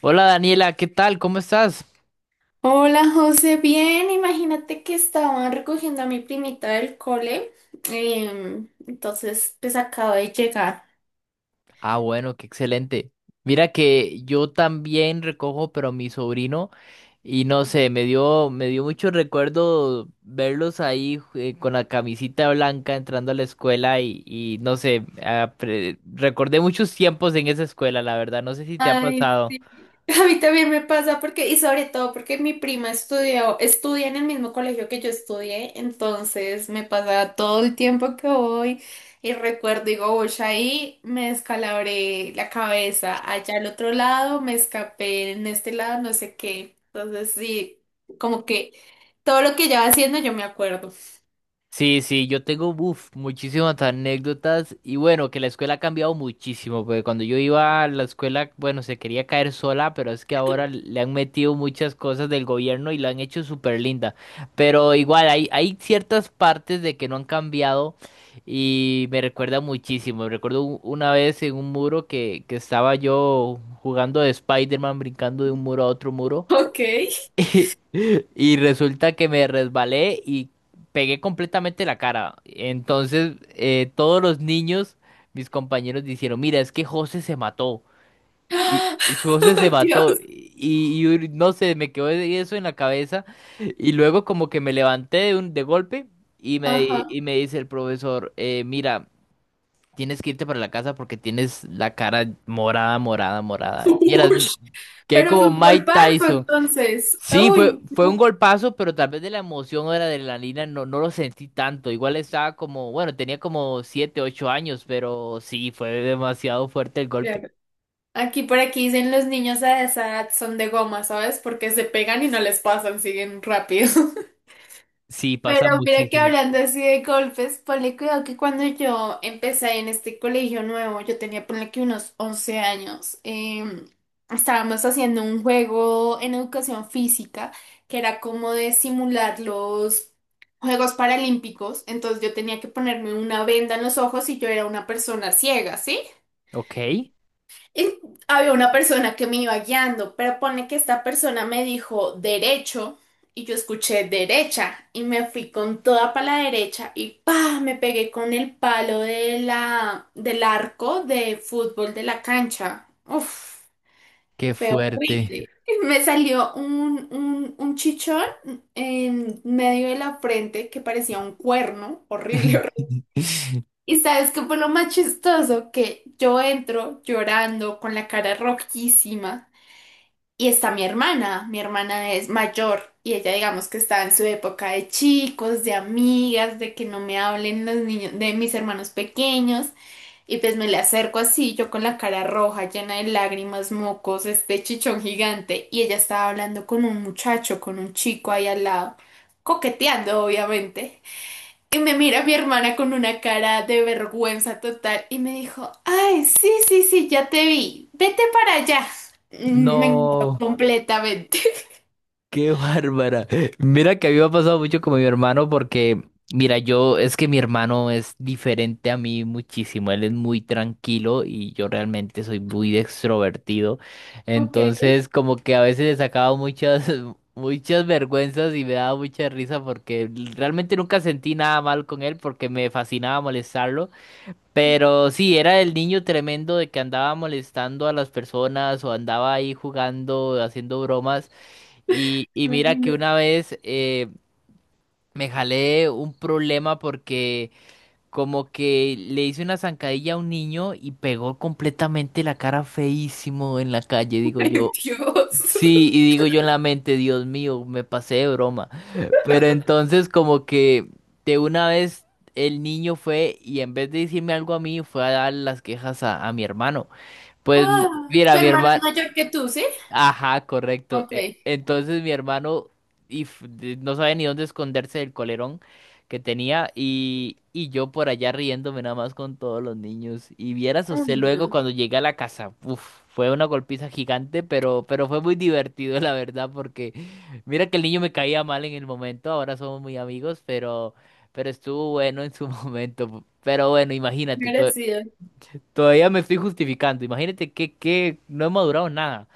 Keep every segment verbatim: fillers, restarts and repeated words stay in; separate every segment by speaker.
Speaker 1: Hola Daniela, ¿qué tal? ¿Cómo estás?
Speaker 2: Hola José, bien, imagínate que estaban recogiendo a mi primita del cole, em, entonces pues acabo de llegar.
Speaker 1: Ah, bueno, qué excelente. Mira que yo también recojo, pero mi sobrino, y no sé, me dio, me dio mucho recuerdo verlos ahí eh, con la camisita blanca entrando a la escuela y, y no sé, apre- recordé muchos tiempos en esa escuela, la verdad, no sé si te ha pasado.
Speaker 2: A mí también me pasa porque, y sobre todo porque mi prima estudió, estudia en el mismo colegio que yo estudié, entonces me pasa todo el tiempo que voy y recuerdo, digo, uy, ahí me descalabré la cabeza, allá al otro lado me escapé, en este lado no sé qué. Entonces sí, como que todo lo que ella va haciendo yo me acuerdo.
Speaker 1: Sí, sí, yo tengo uf, muchísimas anécdotas y bueno, que la escuela ha cambiado muchísimo, porque cuando yo iba a la escuela, bueno, se quería caer sola, pero es que ahora le han metido muchas cosas del gobierno y la han hecho súper linda. Pero igual, hay, hay ciertas partes de que no han cambiado y me recuerda muchísimo. Recuerdo u- una vez en un muro que, que estaba yo jugando de Spider-Man, brincando de un muro a otro muro.
Speaker 2: Ok.
Speaker 1: Y y resulta que me resbalé y pegué completamente la cara. Entonces, eh, todos los niños, mis compañeros, dijeron, mira, es que José se mató. Y y su José se mató.
Speaker 2: Dios.
Speaker 1: Y, y un- no sé, me quedó eso en la cabeza. Y luego como que me levanté de, un, de golpe y me,
Speaker 2: Ajá.
Speaker 1: y me dice el profesor, "Eh, mira, tienes que irte para la casa porque tienes la cara morada, morada, morada. Vieras,
Speaker 2: Ush.
Speaker 1: quedé
Speaker 2: Pero fue
Speaker 1: como
Speaker 2: un
Speaker 1: Mike
Speaker 2: golpazo
Speaker 1: Tyson.
Speaker 2: entonces.
Speaker 1: Sí, fue,
Speaker 2: Uy.
Speaker 1: fue un golpazo, pero tal vez de la emoción o de la adrenalina no, no lo sentí tanto. Igual estaba como, bueno, tenía como siete, ocho años, pero sí, fue demasiado fuerte el golpe.
Speaker 2: Aquí por aquí dicen los niños a esa edad son de goma, ¿sabes? Porque se pegan y no les pasan, siguen rápido.
Speaker 1: Sí, pasa
Speaker 2: Pero mira que
Speaker 1: muchísimo.
Speaker 2: hablando así de golpes, ponle cuidado que cuando yo empecé en este colegio nuevo, yo tenía ponle que unos once años, em, estábamos haciendo un juego en educación física que era como de simular los Juegos Paralímpicos, entonces yo tenía que ponerme una venda en los ojos y yo era una persona ciega, ¿sí?
Speaker 1: Ok,
Speaker 2: Y había una persona que me iba guiando, pero pone que esta persona me dijo derecho y yo escuché derecha y me fui con toda para la derecha y pa, me pegué con el palo de la, del arco de fútbol de la cancha. Uf,
Speaker 1: qué
Speaker 2: fue
Speaker 1: fuerte.
Speaker 2: horrible. Me salió un, un, un chichón en medio de la frente que parecía un cuerno, horrible, horrible. Y sabes qué fue lo más chistoso, que yo entro llorando con la cara rojísima y está mi hermana, mi hermana es mayor y ella digamos que está en su época de chicos, de amigas, de que no me hablen los niños de mis hermanos pequeños y pues me le acerco así, yo con la cara roja, llena de lágrimas, mocos, este chichón gigante y ella estaba hablando con un muchacho, con un chico ahí al lado, coqueteando obviamente. Y me mira mi hermana con una cara de vergüenza total y me dijo, ay, sí, sí, sí, ya te vi, vete para allá. Mm, Me ignoró
Speaker 1: No.
Speaker 2: completamente.
Speaker 1: Qué bárbara. Mira que a mí me ha pasado mucho con mi hermano porque, mira, yo es que mi hermano es diferente a mí muchísimo. Él es muy tranquilo y yo realmente soy muy extrovertido.
Speaker 2: Ok,
Speaker 1: Entonces, como que a veces le sacaba muchas, muchas vergüenzas y me daba mucha risa porque realmente nunca sentí nada mal con él porque me fascinaba molestarlo. Pero sí, era el niño tremendo de que andaba molestando a las personas o andaba ahí jugando, haciendo bromas. Y, y mira que
Speaker 2: imagino.
Speaker 1: una vez eh, me jalé un problema porque como que le hice una zancadilla a un niño y pegó completamente la cara feísimo en la calle, digo
Speaker 2: Ay,
Speaker 1: yo.
Speaker 2: Dios.
Speaker 1: Sí, y digo yo en la mente, Dios mío, me pasé de broma. Pero entonces como que de una vez el niño fue y en vez de decirme algo a mí, fue a dar las quejas a, a mi hermano. Pues
Speaker 2: Ah,
Speaker 1: mira,
Speaker 2: tu
Speaker 1: mi
Speaker 2: hermana es
Speaker 1: hermano...
Speaker 2: mayor que tú, ¿sí?
Speaker 1: Ajá, correcto.
Speaker 2: Ok.
Speaker 1: E- Entonces mi hermano y f- de- no sabía ni dónde esconderse del colerón que tenía y, y yo por allá riéndome nada más con todos los niños. Y vieras usted
Speaker 2: Ay,
Speaker 1: luego
Speaker 2: no.
Speaker 1: cuando llegué a la casa, uf, fue una golpiza gigante, pero, pero fue muy divertido la verdad porque mira que el niño me caía mal en el momento, ahora somos muy amigos, pero, pero estuvo bueno en su momento. Pero bueno, imagínate, to-
Speaker 2: Merecido.
Speaker 1: todavía me estoy justificando, imagínate que, que no he madurado nada.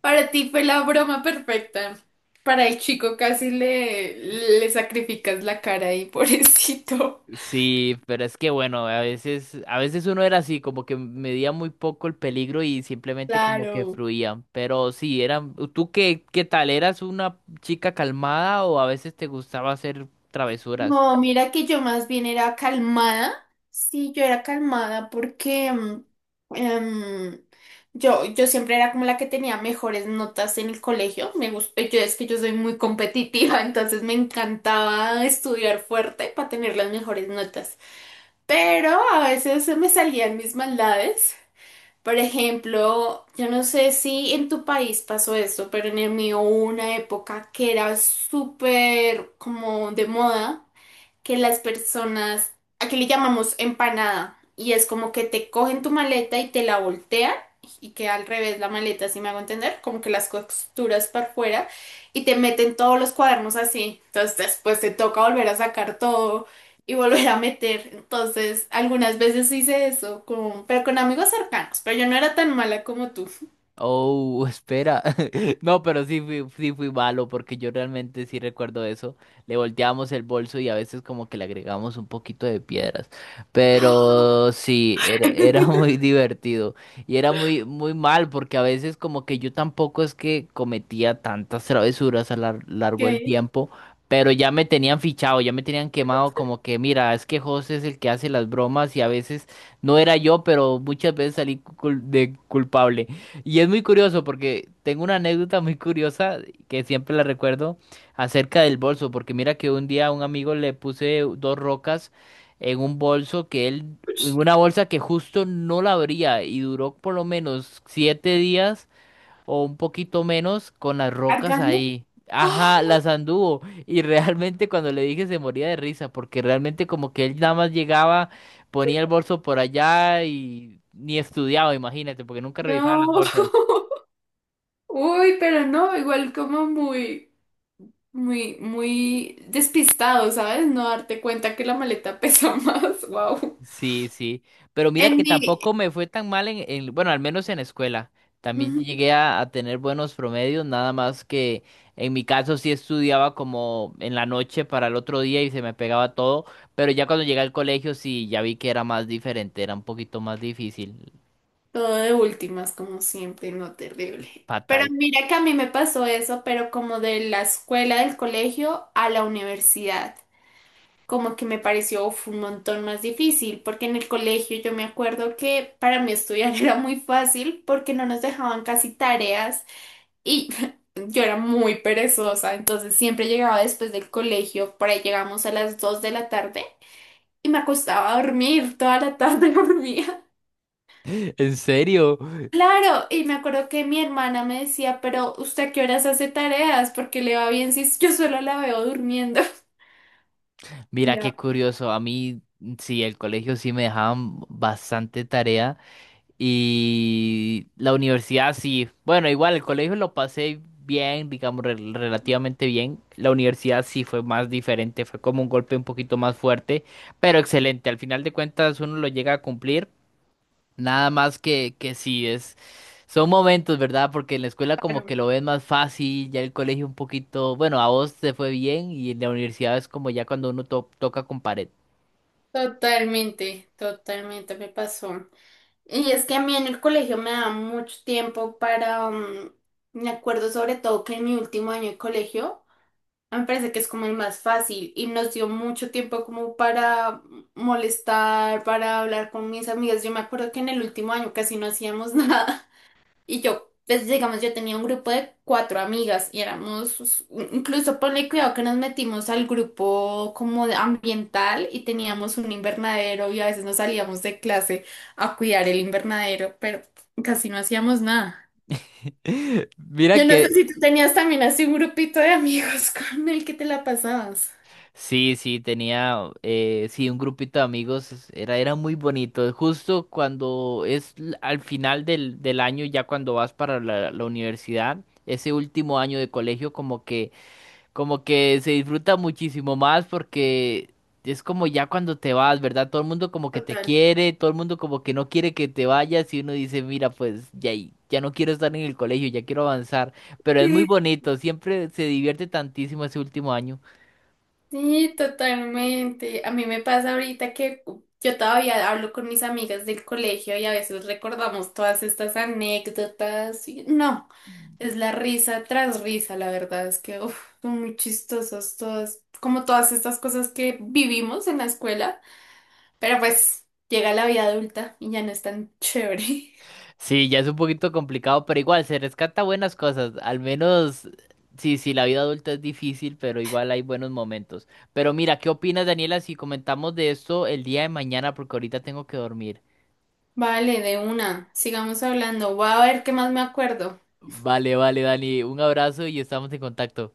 Speaker 2: Para ti fue la broma perfecta. Para el chico casi le, le sacrificas la cara ahí, pobrecito.
Speaker 1: Sí, pero es que bueno, a veces, a veces uno era así, como que medía muy poco el peligro y simplemente como que
Speaker 2: Claro.
Speaker 1: fluía. Pero sí, eran, ¿tú qué, qué tal? ¿Eras una chica calmada o a veces te gustaba hacer travesuras?
Speaker 2: No, mira que yo más bien era calmada. Sí, yo era calmada porque mm, em, yo, yo siempre era como la que tenía mejores notas en el colegio. Me gusta, yo es que yo soy muy competitiva, entonces me encantaba estudiar fuerte para tener las mejores notas. Pero a veces se me salían mis maldades. Por ejemplo, yo no sé si en tu país pasó eso, pero en el mío hubo una época que era súper como de moda que las personas, aquí le llamamos empanada, y es como que te cogen tu maleta y te la voltean y queda al revés la maleta, si me hago entender, como que las costuras para afuera y te meten todos los cuadernos así. Entonces después te toca volver a sacar todo y volver a meter. Entonces, algunas veces hice eso, con, pero con amigos cercanos, pero yo no era tan mala como tú.
Speaker 1: Oh, espera. No, pero sí fui, sí fui malo porque yo realmente sí recuerdo eso. Le volteábamos el bolso y a veces como que le agregamos un poquito de piedras. Pero sí, era, era muy divertido. Y era muy, muy mal porque a veces como que yo tampoco es que cometía tantas travesuras a lo lar- largo del
Speaker 2: ¿Qué?
Speaker 1: tiempo. Pero ya me tenían fichado, ya me tenían quemado como que, mira, es que José es el que hace las bromas y a veces no era yo, pero muchas veces salí cul- de culpable. Y es muy curioso porque tengo una anécdota muy curiosa que siempre la recuerdo acerca del bolso, porque mira que un día a un amigo le puse dos rocas en un bolso que él, en una bolsa que justo no la abría y duró por lo menos siete días o un poquito menos con las rocas
Speaker 2: ¿Cargando?
Speaker 1: ahí.
Speaker 2: ¡Ah!
Speaker 1: Ajá, las anduvo y realmente cuando le dije se moría de risa porque realmente como que él nada más llegaba, ponía el bolso por allá y ni estudiaba, imagínate, porque nunca revisaba las
Speaker 2: No.
Speaker 1: bolsas.
Speaker 2: Uy, pero no, igual como muy. Muy, muy despistado, ¿sabes? No darte cuenta que la maleta pesa más. Wow.
Speaker 1: Sí, sí, pero mira
Speaker 2: En
Speaker 1: que
Speaker 2: mi.
Speaker 1: tampoco me fue tan mal en, en- bueno, al menos en escuela. También
Speaker 2: Ujú.
Speaker 1: llegué a, a tener buenos promedios, nada más que en mi caso sí estudiaba como en la noche para el otro día y se me pegaba todo, pero ya cuando llegué al colegio sí ya vi que era más diferente, era un poquito más difícil.
Speaker 2: Todo de últimas, como siempre, no terrible. Pero
Speaker 1: Fatal.
Speaker 2: mira que a mí me pasó eso, pero como de la escuela, del colegio a la universidad. Como que me pareció uf, un montón más difícil, porque en el colegio yo me acuerdo que para mí estudiar era muy fácil porque no nos dejaban casi tareas. Y yo era muy perezosa, entonces siempre llegaba después del colegio, por ahí llegamos a las dos de la tarde y me acostaba a dormir, toda la tarde dormía.
Speaker 1: ¿En serio?
Speaker 2: Claro, y me acuerdo que mi hermana me decía, pero ¿usted a qué horas hace tareas? Porque le va bien si yo solo la veo durmiendo.
Speaker 1: Mira
Speaker 2: Ya,
Speaker 1: qué curioso, a mí sí, el colegio sí me dejaban bastante tarea. Y la universidad sí. Bueno, igual el colegio lo pasé bien, digamos, rel- relativamente bien. La universidad sí fue más diferente, fue como un golpe un poquito más fuerte, pero excelente. Al final de cuentas uno lo llega a cumplir. Nada más que, que sí, es, son momentos, ¿verdad? Porque en la escuela como
Speaker 2: claro.
Speaker 1: que lo ves más fácil, ya el colegio un poquito, bueno, a vos te fue bien y en la universidad es como ya cuando uno to- toca con pared.
Speaker 2: Totalmente, totalmente me pasó. Y es que a mí en el colegio me daba mucho tiempo para, mm, me acuerdo sobre todo que en mi último año de colegio, me parece que es como el más fácil y nos dio mucho tiempo como para molestar, para hablar con mis amigas. Yo me acuerdo que en el último año casi no hacíamos nada y yo, pues digamos, yo tenía un grupo de cuatro amigas y éramos, incluso ponle cuidado que nos metimos al grupo como de ambiental y teníamos un invernadero y a veces nos salíamos de clase a cuidar el invernadero, pero casi no hacíamos nada.
Speaker 1: Mira
Speaker 2: Yo no sé si
Speaker 1: que
Speaker 2: tú tenías también así un grupito de amigos con el que te la pasabas.
Speaker 1: Sí, sí, tenía, eh, sí, un grupito de amigos, es- era, era muy bonito. Justo cuando es l- al final del, del año, ya cuando vas para la, la universidad, ese último año de colegio como que, como que se disfruta muchísimo más porque es como ya cuando te vas, ¿verdad? Todo el mundo como que te
Speaker 2: Total.
Speaker 1: quiere, todo el mundo como que no quiere que te vayas y uno dice, mira, pues ya, y- ya no quiero estar en el colegio, ya quiero avanzar. Pero es muy
Speaker 2: Sí,
Speaker 1: bonito, siempre se divierte tantísimo ese último año.
Speaker 2: sí, totalmente. A mí me pasa ahorita que yo todavía hablo con mis amigas del colegio y a veces recordamos todas estas anécdotas. Y no, es la risa tras risa, la verdad es que uf, son muy chistosas todas, como todas estas cosas que vivimos en la escuela, pero pues llega la vida adulta y ya no es tan chévere.
Speaker 1: Sí, ya es un poquito complicado, pero igual se rescata buenas cosas. Al menos, sí, sí, la vida adulta es difícil, pero igual hay buenos momentos. Pero mira, ¿qué opinas, Daniela, si comentamos de esto el día de mañana? Porque ahorita tengo que dormir.
Speaker 2: Vale, de una, sigamos hablando. Voy a ver qué más me acuerdo.
Speaker 1: Vale, vale, Dani, un abrazo y estamos en contacto.